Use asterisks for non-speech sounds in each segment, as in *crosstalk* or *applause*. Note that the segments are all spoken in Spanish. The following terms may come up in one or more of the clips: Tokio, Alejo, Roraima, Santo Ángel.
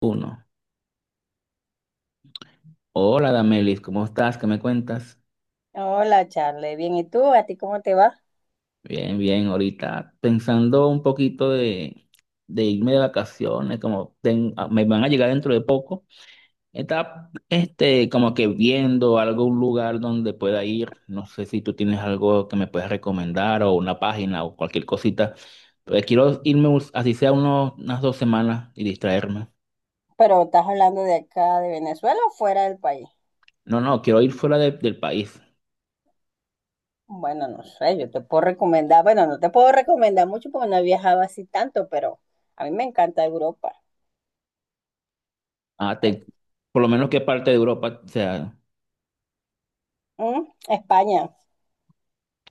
Uno. Hola, Damelis, ¿cómo estás? ¿Qué me cuentas? Hola, Charlie. Bien, ¿y tú? ¿A ti cómo te va? Bien, bien, ahorita pensando un poquito de irme de vacaciones, como me van a llegar dentro de poco. Estaba este, como que viendo algún lugar donde pueda ir. No sé si tú tienes algo que me puedas recomendar o una página o cualquier cosita. Pues quiero irme, así sea unas 2 semanas y distraerme. Pero estás hablando de acá, de Venezuela o fuera del país. No, no, quiero ir fuera del país. Bueno, no sé, yo te puedo recomendar, bueno, no te puedo recomendar mucho porque no he viajado así tanto, pero a mí me encanta Europa. Ah, Ay, te- por lo menos qué parte de Europa, o sea. mm, España.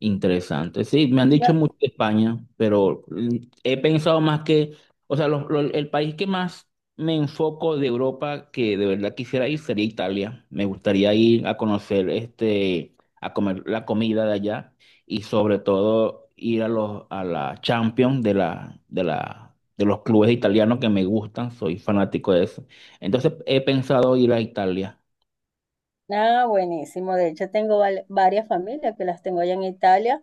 Interesante. Sí, me han dicho No, mucho de España, pero he pensado más o sea, el país que más me enfoco de Europa que de verdad quisiera ir sería Italia. Me gustaría ir a conocer, este, a comer la comida de allá y sobre todo ir a los a la Champions de los clubes italianos que me gustan. Soy fanático de eso. Entonces he pensado ir a Italia. nada, buenísimo. De hecho, tengo varias familias que las tengo allá en Italia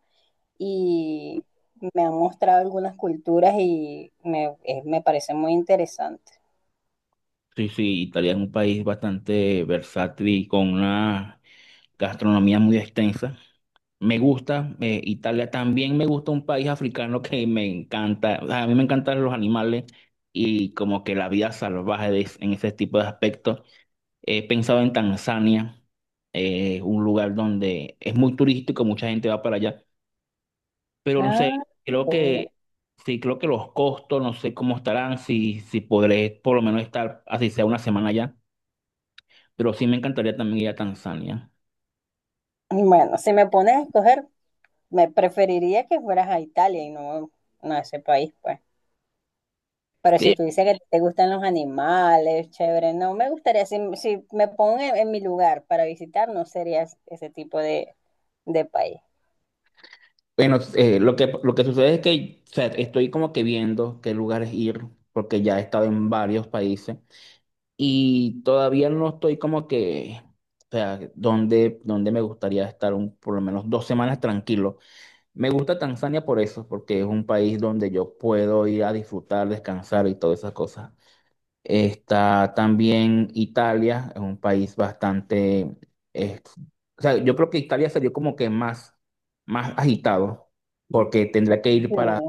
y me han mostrado algunas culturas y me, me parece muy interesante. Sí, sí, Italia es un país bastante versátil y con una gastronomía muy extensa. Me gusta, Italia también me gusta un país africano que me encanta. O sea, a mí me encantan los animales y como que la vida salvaje en ese tipo de aspectos. He pensado en Tanzania, un lugar donde es muy turístico, mucha gente va para allá, pero no sé, Ah, creo pobre. que sí, creo que los costos, no sé cómo estarán, si podré por lo menos estar así sea una semana allá, pero sí me encantaría también ir a Tanzania. Bueno, si me pones a escoger, me preferiría que fueras a Italia y no, no a ese país, pues. Pero si Sí, tú dices que te gustan los animales, chévere, no, me gustaría, si, si me pongo en mi lugar para visitar, no sería ese tipo de país. bueno, lo que sucede es que o sea, estoy como que viendo qué lugares ir, porque ya he estado en varios países y todavía no estoy como que, o sea, donde me gustaría estar un, por lo menos 2 semanas tranquilo. Me gusta Tanzania por eso, porque es un país donde yo puedo ir a disfrutar, descansar y todas esas cosas. Está también Italia, es un país bastante... eh, o sea, yo creo que Italia sería como que más, más agitado, porque tendría que ir Sí,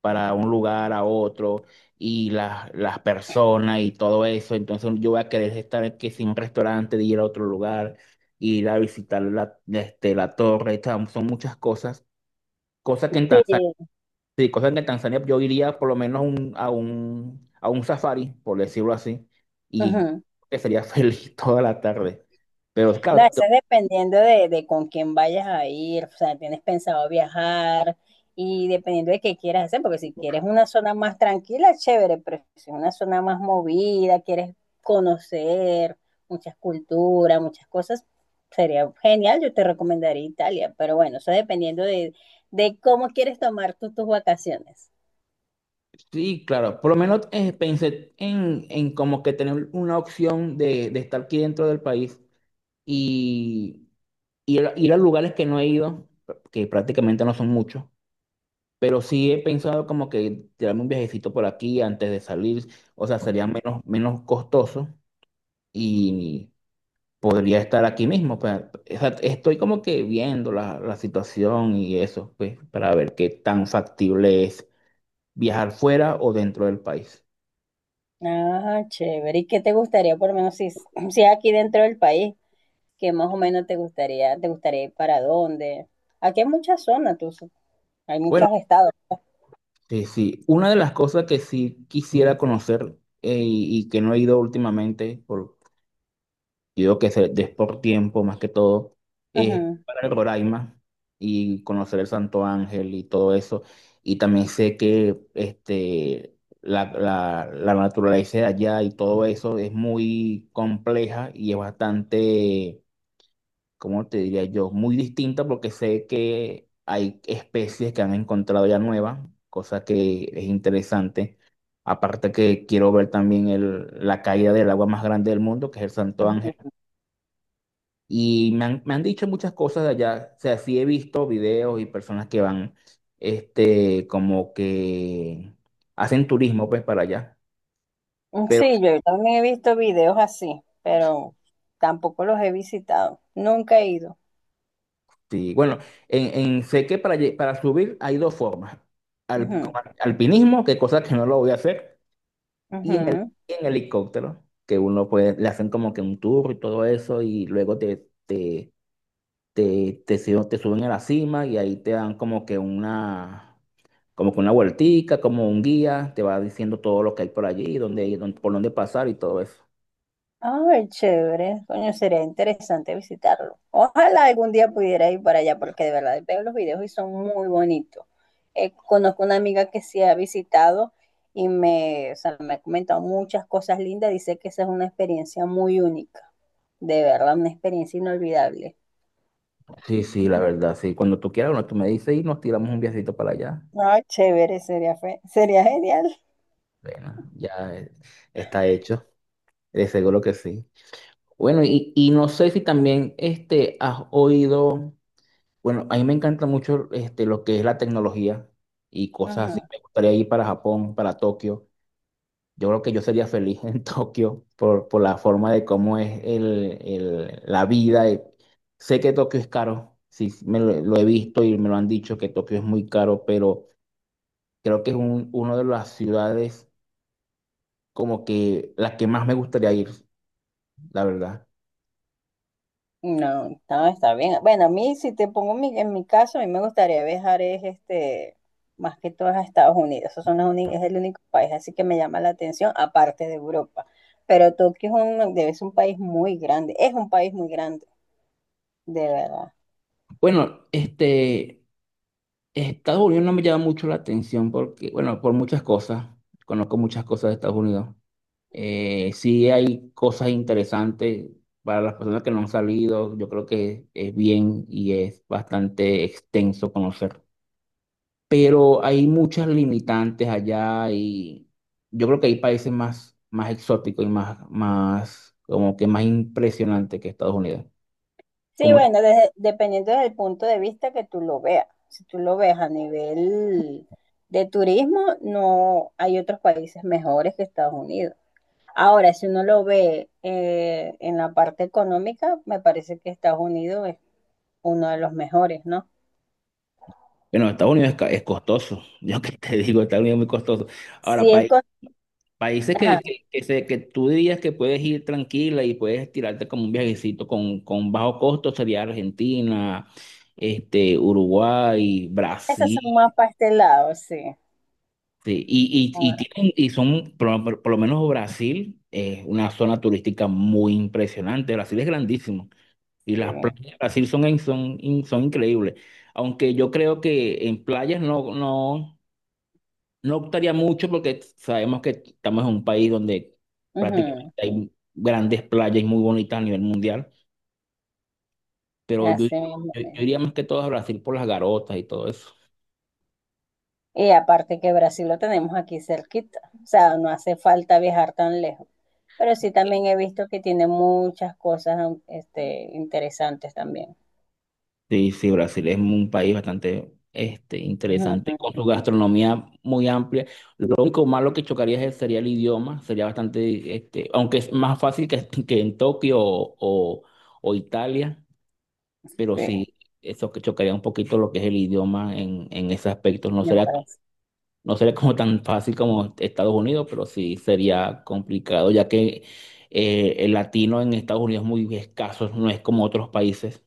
para un lugar a otro y las personas y todo eso. Entonces yo voy a querer estar que sin un restaurante, de ir a otro lugar, ir a visitar la, este, la torre. O sea, son muchas cosas, cosas que en Tanzania. sí. Sí, cosas que en Tanzania yo iría por lo menos a un safari, por decirlo así, y Ujú. que sería *laughs* feliz toda la tarde. Pero No, claro, eso es dependiendo de con quién vayas a ir, o sea, tienes pensado viajar y dependiendo de qué quieras hacer, porque si quieres una zona más tranquila, chévere, pero si es una zona más movida, quieres conocer muchas culturas, muchas cosas, sería genial, yo te recomendaría Italia, pero bueno, eso dependiendo de cómo quieres tomar tú tus vacaciones. sí, claro, por lo menos pensé en como que tener una opción de estar aquí dentro del país y ir a lugares que no he ido, que prácticamente no son muchos, pero sí he pensado como que tirarme un viajecito por aquí antes de salir, o sea, sería menos, menos costoso y podría estar aquí mismo. Pues, o sea, estoy como que viendo la situación y eso, pues, para ver qué tan factible es viajar fuera o dentro del país. Ah, chévere, ¿y qué te gustaría por lo menos si, si es aquí dentro del país? ¿Que más o menos te gustaría ir para dónde? Aquí hay muchas zonas, tú, hay Bueno, muchos estados. sí, sí. Una de las cosas que sí quisiera conocer y que no he ido últimamente por yo digo que se des por tiempo, más que todo, es Ujú, para el Roraima y conocer el Santo Ángel y todo eso. Y también sé que este, la naturaleza de allá y todo eso es muy compleja y es bastante, ¿cómo te diría yo? Muy distinta porque sé que hay especies que han encontrado ya nuevas, cosa que es interesante. Aparte que quiero ver también la caída del agua más grande del mundo, que es el Santo Ángel ujú. y me han dicho muchas cosas de allá. O sea, sí he visto videos y personas que van, este, como que hacen turismo, pues, para allá. Mm, Pero sí, yo también he visto videos así, pero tampoco los he visitado. Nunca he ido. sí, bueno, en, sé que para subir hay 2 formas. Ujú, Alpinismo, que cosa que no lo voy a hacer, y ujú. En helicóptero, que uno puede, le hacen como que un tour y todo eso, y luego te suben a la cima y ahí te dan como que una... como con una vueltica, como un guía, te va diciendo todo lo que hay por allí, por dónde pasar y todo eso. Ay, chévere. Coño, sería interesante visitarlo. Ojalá algún día pudiera ir para allá porque de verdad veo los videos y son muy bonitos. Conozco una amiga que sí ha visitado y me, o sea, me ha comentado muchas cosas lindas. Dice que esa es una experiencia muy única. De verdad, una experiencia inolvidable. Sí, sí, la verdad, sí. Cuando tú quieras, bueno, tú me dices y nos tiramos un viajecito para allá. Ay, chévere, sería, sería genial. Bueno, ya está hecho, de seguro que sí. Bueno, y no sé si también este, has oído, bueno, a mí me encanta mucho este, lo que es la tecnología y cosas así. Ujú. Me gustaría ir para Japón, para Tokio. Yo creo que yo sería feliz en *laughs* Tokio por la forma de cómo es la vida. Sé que Tokio es caro, sí, sí, lo he visto y me lo han dicho que Tokio es muy caro, pero creo que es un, una de las ciudades como que la que más me gustaría ir, la verdad. No, no, está bien. Bueno, a mí, si te pongo en mi caso, a mí me gustaría viajar es este, más que todo a Estados Unidos. Esos son los es el único país así que me llama la atención, aparte de Europa. Pero Tokio es un, debe ser un país muy grande, es un país muy grande, de verdad. Bueno, este, Estados Unidos no me llama mucho la atención porque, bueno, por muchas cosas, conozco muchas cosas de Estados Unidos. Sí hay cosas interesantes para las personas que no han salido, yo creo que es bien y es bastante extenso conocer. Pero hay muchas limitantes allá y yo creo que hay países más, más exóticos y más, más, como que más impresionantes que Estados Unidos. Sí, Como, bueno, dependiendo del punto de vista que tú lo veas. Si tú lo ves a nivel de turismo, no hay otros países mejores que Estados Unidos. Ahora, si uno lo ve en la parte económica, me parece que Estados Unidos es uno de los mejores, ¿no? bueno, Estados Unidos es costoso, *laughs* yo que te digo, Estados Unidos es muy costoso. Ahora, Sí, es con... países Ajá, que tú dirías que puedes ir tranquila y puedes tirarte como un viajecito con bajo costo sería Argentina, este, Uruguay, esas son Brasil. más pastelados, sí. Sí. Y, y, y, Ahora tienen- y son, por lo menos Brasil, es una zona turística muy impresionante. Brasil es grandísimo y sí. las playas de Brasil son, son, son increíbles. Aunque yo creo que en playas no, no. No optaría mucho porque sabemos que estamos en un país donde prácticamente Ujú, hay grandes playas y muy bonitas a nivel mundial, pero así mismo yo es. iría más que todo a Brasil por las garotas y todo eso. Y aparte que Brasil lo tenemos aquí cerquita, o sea, no hace falta viajar tan lejos. Pero sí también he visto que tiene muchas cosas este, interesantes también. Sí, sí, Brasil es un país bastante este, interesante, con Ujú, su gastronomía muy amplia. Lo único malo sería el idioma, sería bastante, este, aunque es más fácil que en Tokio o Italia, pero sí, sí, eso que chocaría un poquito lo que es el idioma en ese aspecto, no me sería. parece. No sería como tan fácil como Estados Unidos, pero sí sería complicado, ya que el latino en Estados Unidos es muy escaso, no es como otros países.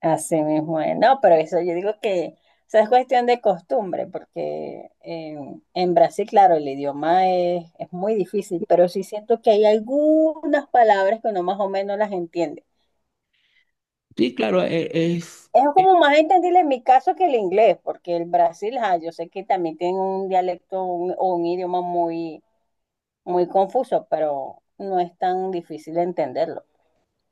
Así mismo es. No, pero eso yo digo que o sea, es cuestión de costumbre, porque en Brasil, claro, el idioma es muy difícil, pero sí siento que hay algunas palabras que uno más o menos las entiende. Sí, claro, es, Es es- como más entendible en mi caso que el inglés, porque el Brasil, ah, yo sé que también tiene un dialecto o un idioma muy, muy confuso, pero no es tan difícil entenderlo.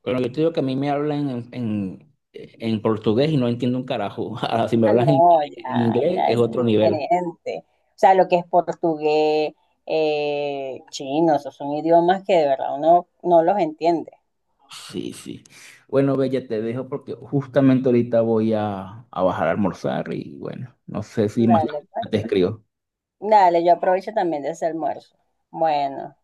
bueno, yo te digo que a mí me hablan en portugués y no entiendo un carajo. *laughs* Ahora, si me Ah, hablan no, en ya, inglés ya es es otro nivel. diferente. O sea, lo que es portugués, chino, esos son idiomas que de verdad uno no los entiende. Sí, sí. Bueno, Bella, te dejo porque justamente ahorita voy a bajar a almorzar y bueno, no sé si más Dale, tarde pues. te escribo. Dale, yo aprovecho también de ese almuerzo. Bueno.